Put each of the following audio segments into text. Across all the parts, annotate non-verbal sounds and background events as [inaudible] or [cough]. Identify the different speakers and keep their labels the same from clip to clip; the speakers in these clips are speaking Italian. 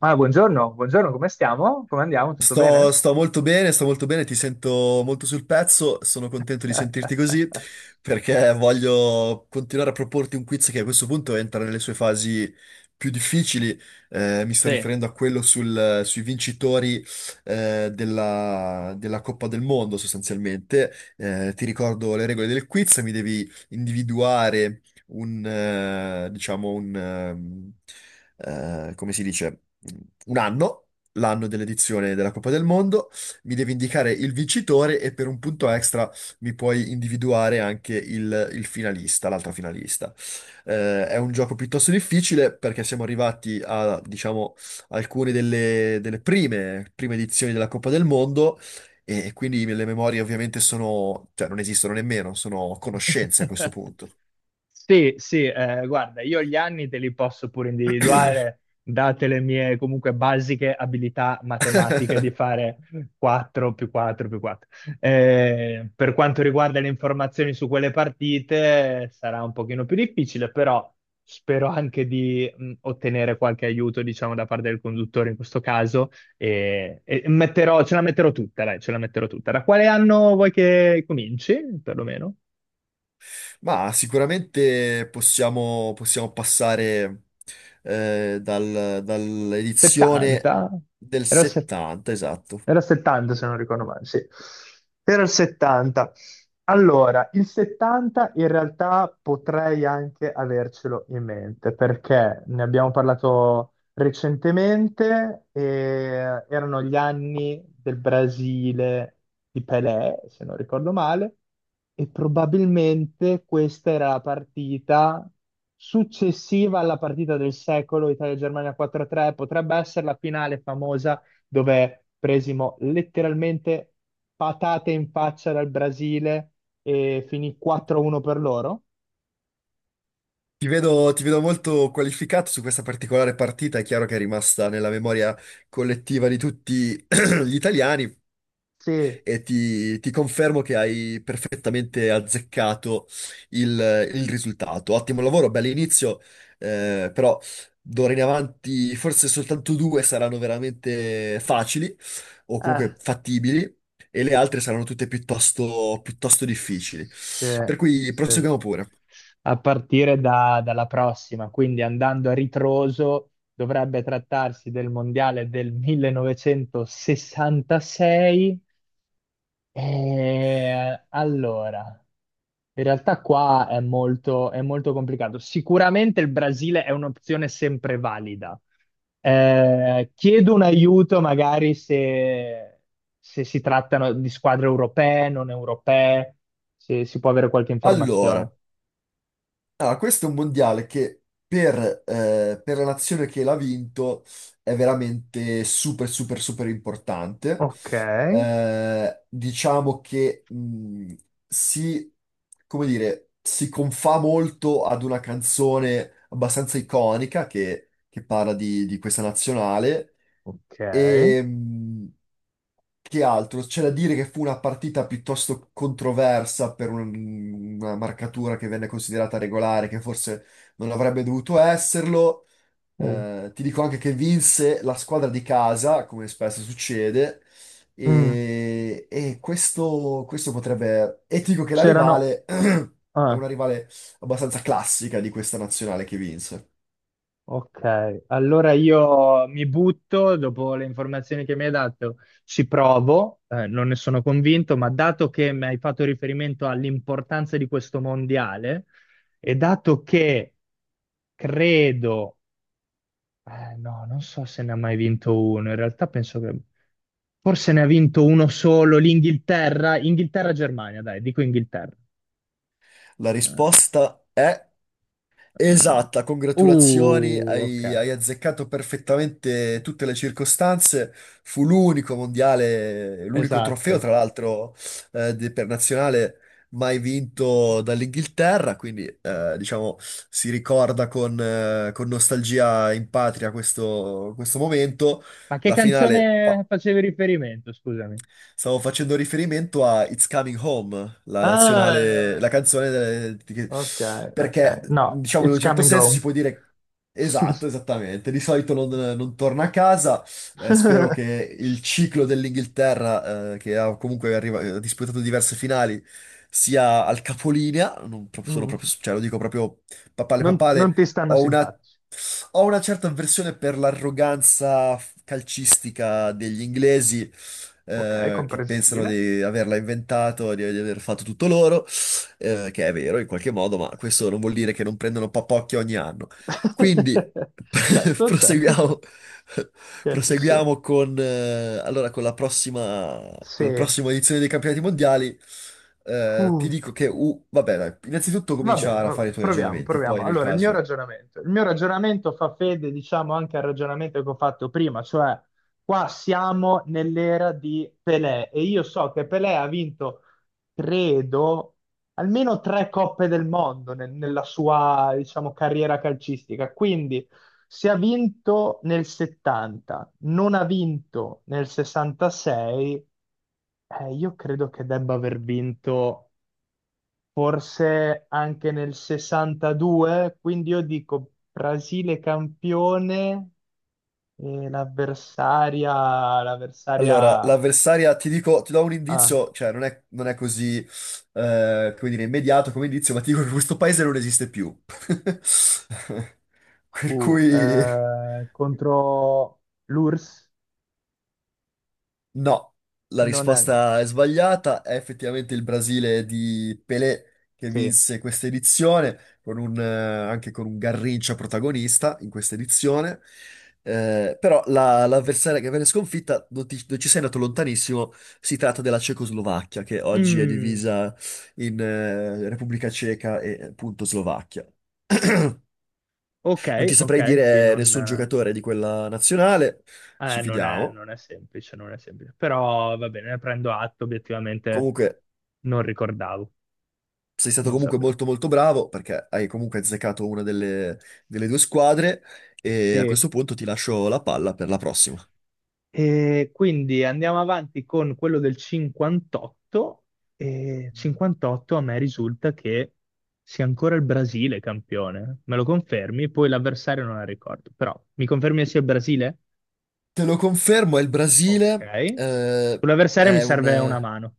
Speaker 1: Ah, buongiorno, buongiorno, come stiamo? Come andiamo? Tutto
Speaker 2: Sto,
Speaker 1: bene?
Speaker 2: sto molto bene, ti sento molto sul pezzo, sono contento di sentirti così perché voglio continuare a proporti un quiz che a questo punto entra nelle sue fasi più difficili. Mi sto
Speaker 1: Sì,
Speaker 2: riferendo a sui vincitori della Coppa del Mondo sostanzialmente. Ti ricordo le regole del quiz, mi devi individuare diciamo, come si dice, un anno l'anno dell'edizione della Coppa del Mondo, mi devi indicare il vincitore e per un punto extra mi puoi individuare anche il finalista, l'altra finalista. È un gioco piuttosto difficile perché siamo arrivati a, diciamo, alcune delle prime, prime edizioni della Coppa del Mondo. E quindi le memorie ovviamente sono, cioè non esistono nemmeno, sono conoscenze a questo punto.
Speaker 1: sì, sì, guarda, io gli anni te li posso pure individuare, date le mie comunque basiche abilità matematiche di fare 4 più 4 più 4. Per quanto riguarda le informazioni su quelle partite, sarà un pochino più difficile, però spero anche di ottenere qualche aiuto, diciamo, da parte del conduttore in questo caso, e ce la metterò tutta, dai, ce la metterò tutta. Da quale anno vuoi che cominci, perlomeno?
Speaker 2: Ma sicuramente possiamo passare dall'edizione
Speaker 1: 70?
Speaker 2: del
Speaker 1: Ero a se-
Speaker 2: 70, esatto.
Speaker 1: era il 70 se non ricordo male, sì. Era il 70. Allora, il 70 in realtà potrei anche avercelo in mente perché ne abbiamo parlato recentemente e erano gli anni del Brasile di Pelé, se non ricordo male, e probabilmente questa era la partita successiva alla partita del secolo Italia-Germania 4-3. Potrebbe essere la finale famosa dove presimo letteralmente patate in faccia dal Brasile e finì 4-1 per loro.
Speaker 2: Ti vedo molto qualificato su questa particolare partita, è chiaro che è rimasta nella memoria collettiva di tutti [clears throat] gli italiani.
Speaker 1: Sì,
Speaker 2: E ti confermo che hai perfettamente azzeccato il, il risultato. Ottimo lavoro, bell'inizio, però d'ora in avanti forse soltanto due saranno veramente facili o comunque fattibili e le altre saranno tutte piuttosto, piuttosto difficili.
Speaker 1: sì,
Speaker 2: Per cui
Speaker 1: sì,
Speaker 2: proseguiamo
Speaker 1: sì.
Speaker 2: pure.
Speaker 1: A partire dalla prossima, quindi andando a ritroso, dovrebbe trattarsi del mondiale del 1966. Allora, in realtà qua è molto complicato. Sicuramente il Brasile è un'opzione sempre valida. Chiedo un aiuto magari se, si trattano di squadre europee, non europee, se si può avere qualche informazione.
Speaker 2: Allora, Questo è un mondiale che per, per la nazione che l'ha vinto è veramente super, super, super importante.
Speaker 1: Ok,
Speaker 2: Diciamo che si, come dire, si confà molto ad una canzone abbastanza iconica che parla di questa nazionale. E,
Speaker 1: ok.
Speaker 2: mh, che altro? C'è da dire che fu una partita piuttosto controversa per una marcatura che venne considerata regolare, che forse non avrebbe dovuto esserlo.
Speaker 1: Uh,
Speaker 2: Ti dico anche che vinse la squadra di casa, come spesso succede,
Speaker 1: mm,
Speaker 2: e questo potrebbe... E ti dico che la
Speaker 1: C'erano.
Speaker 2: rivale [clears throat] è
Speaker 1: Ah.
Speaker 2: una rivale abbastanza classica di questa nazionale che vinse.
Speaker 1: Ok, allora io mi butto dopo le informazioni che mi hai dato, ci provo, non ne sono convinto, ma dato che mi hai fatto riferimento all'importanza di questo mondiale e dato che credo, no, non so se ne ha mai vinto uno, in realtà penso che forse ne ha vinto uno solo, l'Inghilterra, Inghilterra-Germania, dai, dico Inghilterra.
Speaker 2: La
Speaker 1: Eh,
Speaker 2: risposta è...
Speaker 1: eh,
Speaker 2: Esatta, congratulazioni,
Speaker 1: ok,
Speaker 2: hai azzeccato perfettamente tutte le circostanze. Fu l'unico mondiale, l'unico trofeo,
Speaker 1: esatto.
Speaker 2: tra l'altro, per nazionale mai vinto dall'Inghilterra, quindi diciamo si ricorda con nostalgia in patria questo momento.
Speaker 1: Ma che
Speaker 2: La finale.
Speaker 1: canzone facevi riferimento, scusami?
Speaker 2: Stavo facendo riferimento a It's Coming Home, la nazionale, la
Speaker 1: Ah,
Speaker 2: canzone delle- di che-
Speaker 1: ok,
Speaker 2: perché,
Speaker 1: ok. No,
Speaker 2: diciamo, in
Speaker 1: it's
Speaker 2: un certo
Speaker 1: coming
Speaker 2: senso si
Speaker 1: home.
Speaker 2: può dire esatto, esattamente. Di solito non torna a casa. Spero che il
Speaker 1: [laughs]
Speaker 2: ciclo dell'Inghilterra, che ha comunque arriva- ha disputato diverse finali, sia al capolinea. Non pro- Sono proprio,
Speaker 1: Mm.
Speaker 2: cioè, lo dico proprio papale
Speaker 1: Non
Speaker 2: papale.
Speaker 1: ti stanno
Speaker 2: Ho una,
Speaker 1: simpatici.
Speaker 2: Ho una certa avversione per l'arroganza calcistica degli inglesi
Speaker 1: Ok,
Speaker 2: che pensano
Speaker 1: comprensibile.
Speaker 2: di averla inventato, di aver fatto tutto loro, che è vero in qualche modo, ma questo non vuol dire che non prendono papocchio ogni anno. Quindi [laughs]
Speaker 1: [laughs] Certo, certo,
Speaker 2: proseguiamo,
Speaker 1: certo. Chiarissimo.
Speaker 2: proseguiamo con, con la
Speaker 1: Sì.
Speaker 2: prossima edizione dei campionati mondiali. Ti
Speaker 1: Uff.
Speaker 2: dico che, vabbè, dai, innanzitutto comincia a
Speaker 1: Va
Speaker 2: fare i
Speaker 1: bene,
Speaker 2: tuoi
Speaker 1: proviamo,
Speaker 2: ragionamenti, poi
Speaker 1: proviamo.
Speaker 2: nel
Speaker 1: Allora, il mio
Speaker 2: caso...
Speaker 1: ragionamento. Il mio ragionamento fa fede, diciamo, anche al ragionamento che ho fatto prima, cioè qua siamo nell'era di Pelé e io so che Pelé ha vinto, credo, almeno tre coppe del mondo nella sua, diciamo, carriera calcistica. Quindi, se ha vinto nel 70, non ha vinto nel 66, io credo che debba aver vinto forse anche nel 62, quindi io dico Brasile campione e l'avversaria,
Speaker 2: Allora,
Speaker 1: l'avversaria
Speaker 2: l'avversaria, ti dico, ti do un
Speaker 1: ah,
Speaker 2: indizio, cioè non è così, come dire, immediato come indizio, ma ti dico che questo paese non esiste più. [laughs] Per cui...
Speaker 1: contro l'URSS
Speaker 2: No, la
Speaker 1: non è.
Speaker 2: risposta è sbagliata. È effettivamente il Brasile di Pelé che
Speaker 1: Sì.
Speaker 2: vinse questa edizione, con anche con un Garrincha protagonista in questa edizione. Però l'avversaria che venne sconfitta non ci sei andato lontanissimo. Si tratta della Cecoslovacchia, che oggi è
Speaker 1: Mm,
Speaker 2: divisa in Repubblica Ceca e appunto Slovacchia. Non
Speaker 1: ok,
Speaker 2: ti saprei
Speaker 1: ok, sì,
Speaker 2: dire
Speaker 1: non,
Speaker 2: nessun giocatore di quella nazionale, ci
Speaker 1: non è,
Speaker 2: fidiamo.
Speaker 1: non è semplice, non è semplice, però va bene, ne prendo atto, obiettivamente
Speaker 2: Comunque,
Speaker 1: non ricordavo,
Speaker 2: sei stato
Speaker 1: non
Speaker 2: comunque
Speaker 1: sapevo.
Speaker 2: molto molto bravo perché hai comunque azzeccato una delle due squadre e a
Speaker 1: Sì.
Speaker 2: questo punto ti lascio la palla per la prossima.
Speaker 1: E quindi andiamo avanti con quello del 58, e 58 a me risulta che sia ancora il Brasile campione. Me lo confermi? Poi l'avversario non la ricordo, però mi confermi che sia il Brasile?
Speaker 2: Te lo confermo, è il
Speaker 1: Ok.
Speaker 2: Brasile,
Speaker 1: Sull'avversario mi
Speaker 2: è un...
Speaker 1: serve una
Speaker 2: eh,
Speaker 1: mano.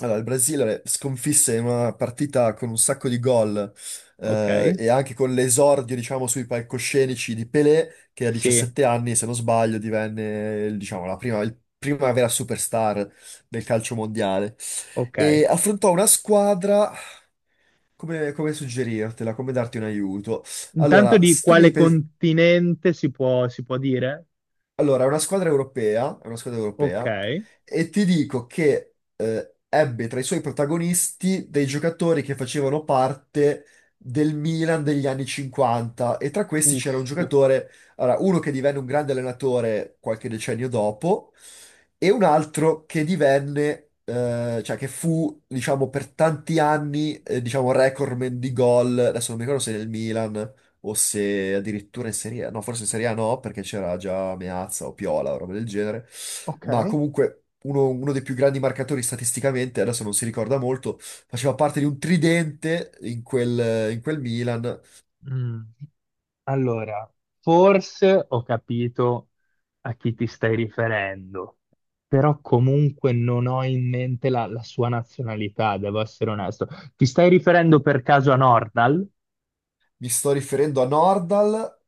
Speaker 2: Il Brasile sconfisse in una partita con un sacco di gol
Speaker 1: Ok?
Speaker 2: e anche con l'esordio, diciamo, sui palcoscenici di Pelé, che a
Speaker 1: Sì,
Speaker 2: 17 anni, se non sbaglio, divenne, diciamo, prima vera superstar del calcio mondiale.
Speaker 1: ok.
Speaker 2: E affrontò una squadra. Come, come suggerirtela, come darti un aiuto?
Speaker 1: Intanto
Speaker 2: Allora,
Speaker 1: di
Speaker 2: s- tu devi,
Speaker 1: quale
Speaker 2: pes-
Speaker 1: continente si può dire?
Speaker 2: allora, è una squadra europea, è una squadra
Speaker 1: Ok.
Speaker 2: europea, e ti dico che ebbe tra i suoi protagonisti dei giocatori che facevano parte del Milan degli anni 50 e tra questi
Speaker 1: Uff,
Speaker 2: c'era un
Speaker 1: uff.
Speaker 2: giocatore, allora, uno che divenne un grande allenatore qualche decennio dopo e un altro che divenne, cioè che fu, diciamo, per tanti anni, diciamo, recordman di gol, adesso non mi ricordo se nel Milan o se addirittura in Serie A, no, forse in Serie A no, perché c'era già Meazza o Piola o roba del genere, ma
Speaker 1: Ok.
Speaker 2: comunque uno dei più grandi marcatori statisticamente, adesso non si ricorda molto, faceva parte di un tridente in in quel Milan.
Speaker 1: Mm. Allora, forse ho capito a chi ti stai riferendo, però comunque non ho in mente la sua nazionalità, devo essere onesto. Ti stai riferendo per caso a Nordal?
Speaker 2: Mi sto riferendo a Nordal,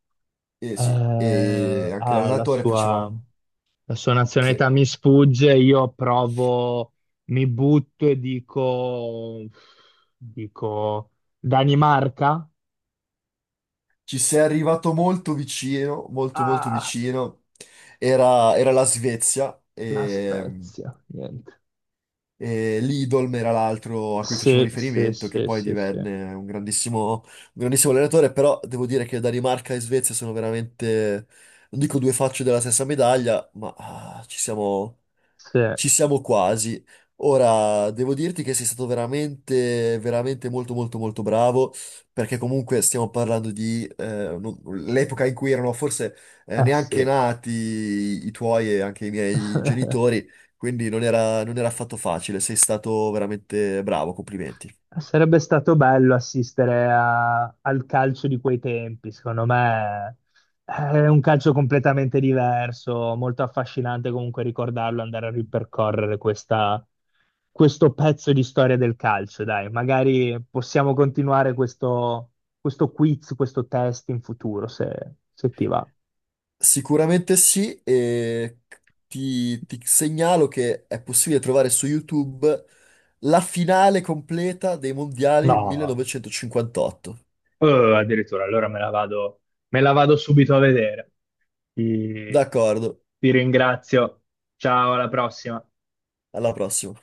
Speaker 2: e sì, e
Speaker 1: Eh,
Speaker 2: anche
Speaker 1: ah, la
Speaker 2: l'allenatore faceva...
Speaker 1: sua, la sua
Speaker 2: Sì,
Speaker 1: nazionalità mi sfugge, io provo, mi butto e dico Danimarca?
Speaker 2: ci sei arrivato molto vicino, molto molto
Speaker 1: Ah,
Speaker 2: vicino. Era la Svezia.
Speaker 1: la Spezia, niente.
Speaker 2: E Lidolm era l'altro a cui facevo
Speaker 1: Sì, sì,
Speaker 2: riferimento, che
Speaker 1: sì,
Speaker 2: poi
Speaker 1: sì, sì.
Speaker 2: divenne un grandissimo allenatore, però devo dire che Danimarca e Svezia sono veramente, non dico due facce della stessa medaglia, ma ah,
Speaker 1: Sì, eh
Speaker 2: ci siamo quasi. Ora, devo dirti che sei stato veramente, veramente molto, molto, molto bravo, perché comunque stiamo parlando di l'epoca in cui erano forse neanche
Speaker 1: sì.
Speaker 2: nati i tuoi e anche i miei
Speaker 1: [laughs]
Speaker 2: genitori, quindi non era affatto facile. Sei stato veramente bravo, complimenti.
Speaker 1: Sarebbe stato bello assistere al calcio di quei tempi, secondo me è un calcio completamente diverso, molto affascinante comunque ricordarlo, andare a ripercorrere questo pezzo di storia del calcio, dai, magari possiamo continuare questo quiz, questo test in futuro, se ti va.
Speaker 2: Sicuramente sì, e ti segnalo che è possibile trovare su YouTube la finale completa dei mondiali
Speaker 1: No.
Speaker 2: 1958.
Speaker 1: Addirittura, allora me la vado subito a vedere. Ti,
Speaker 2: D'accordo,
Speaker 1: ti ringrazio. Ciao, alla prossima.
Speaker 2: alla prossima.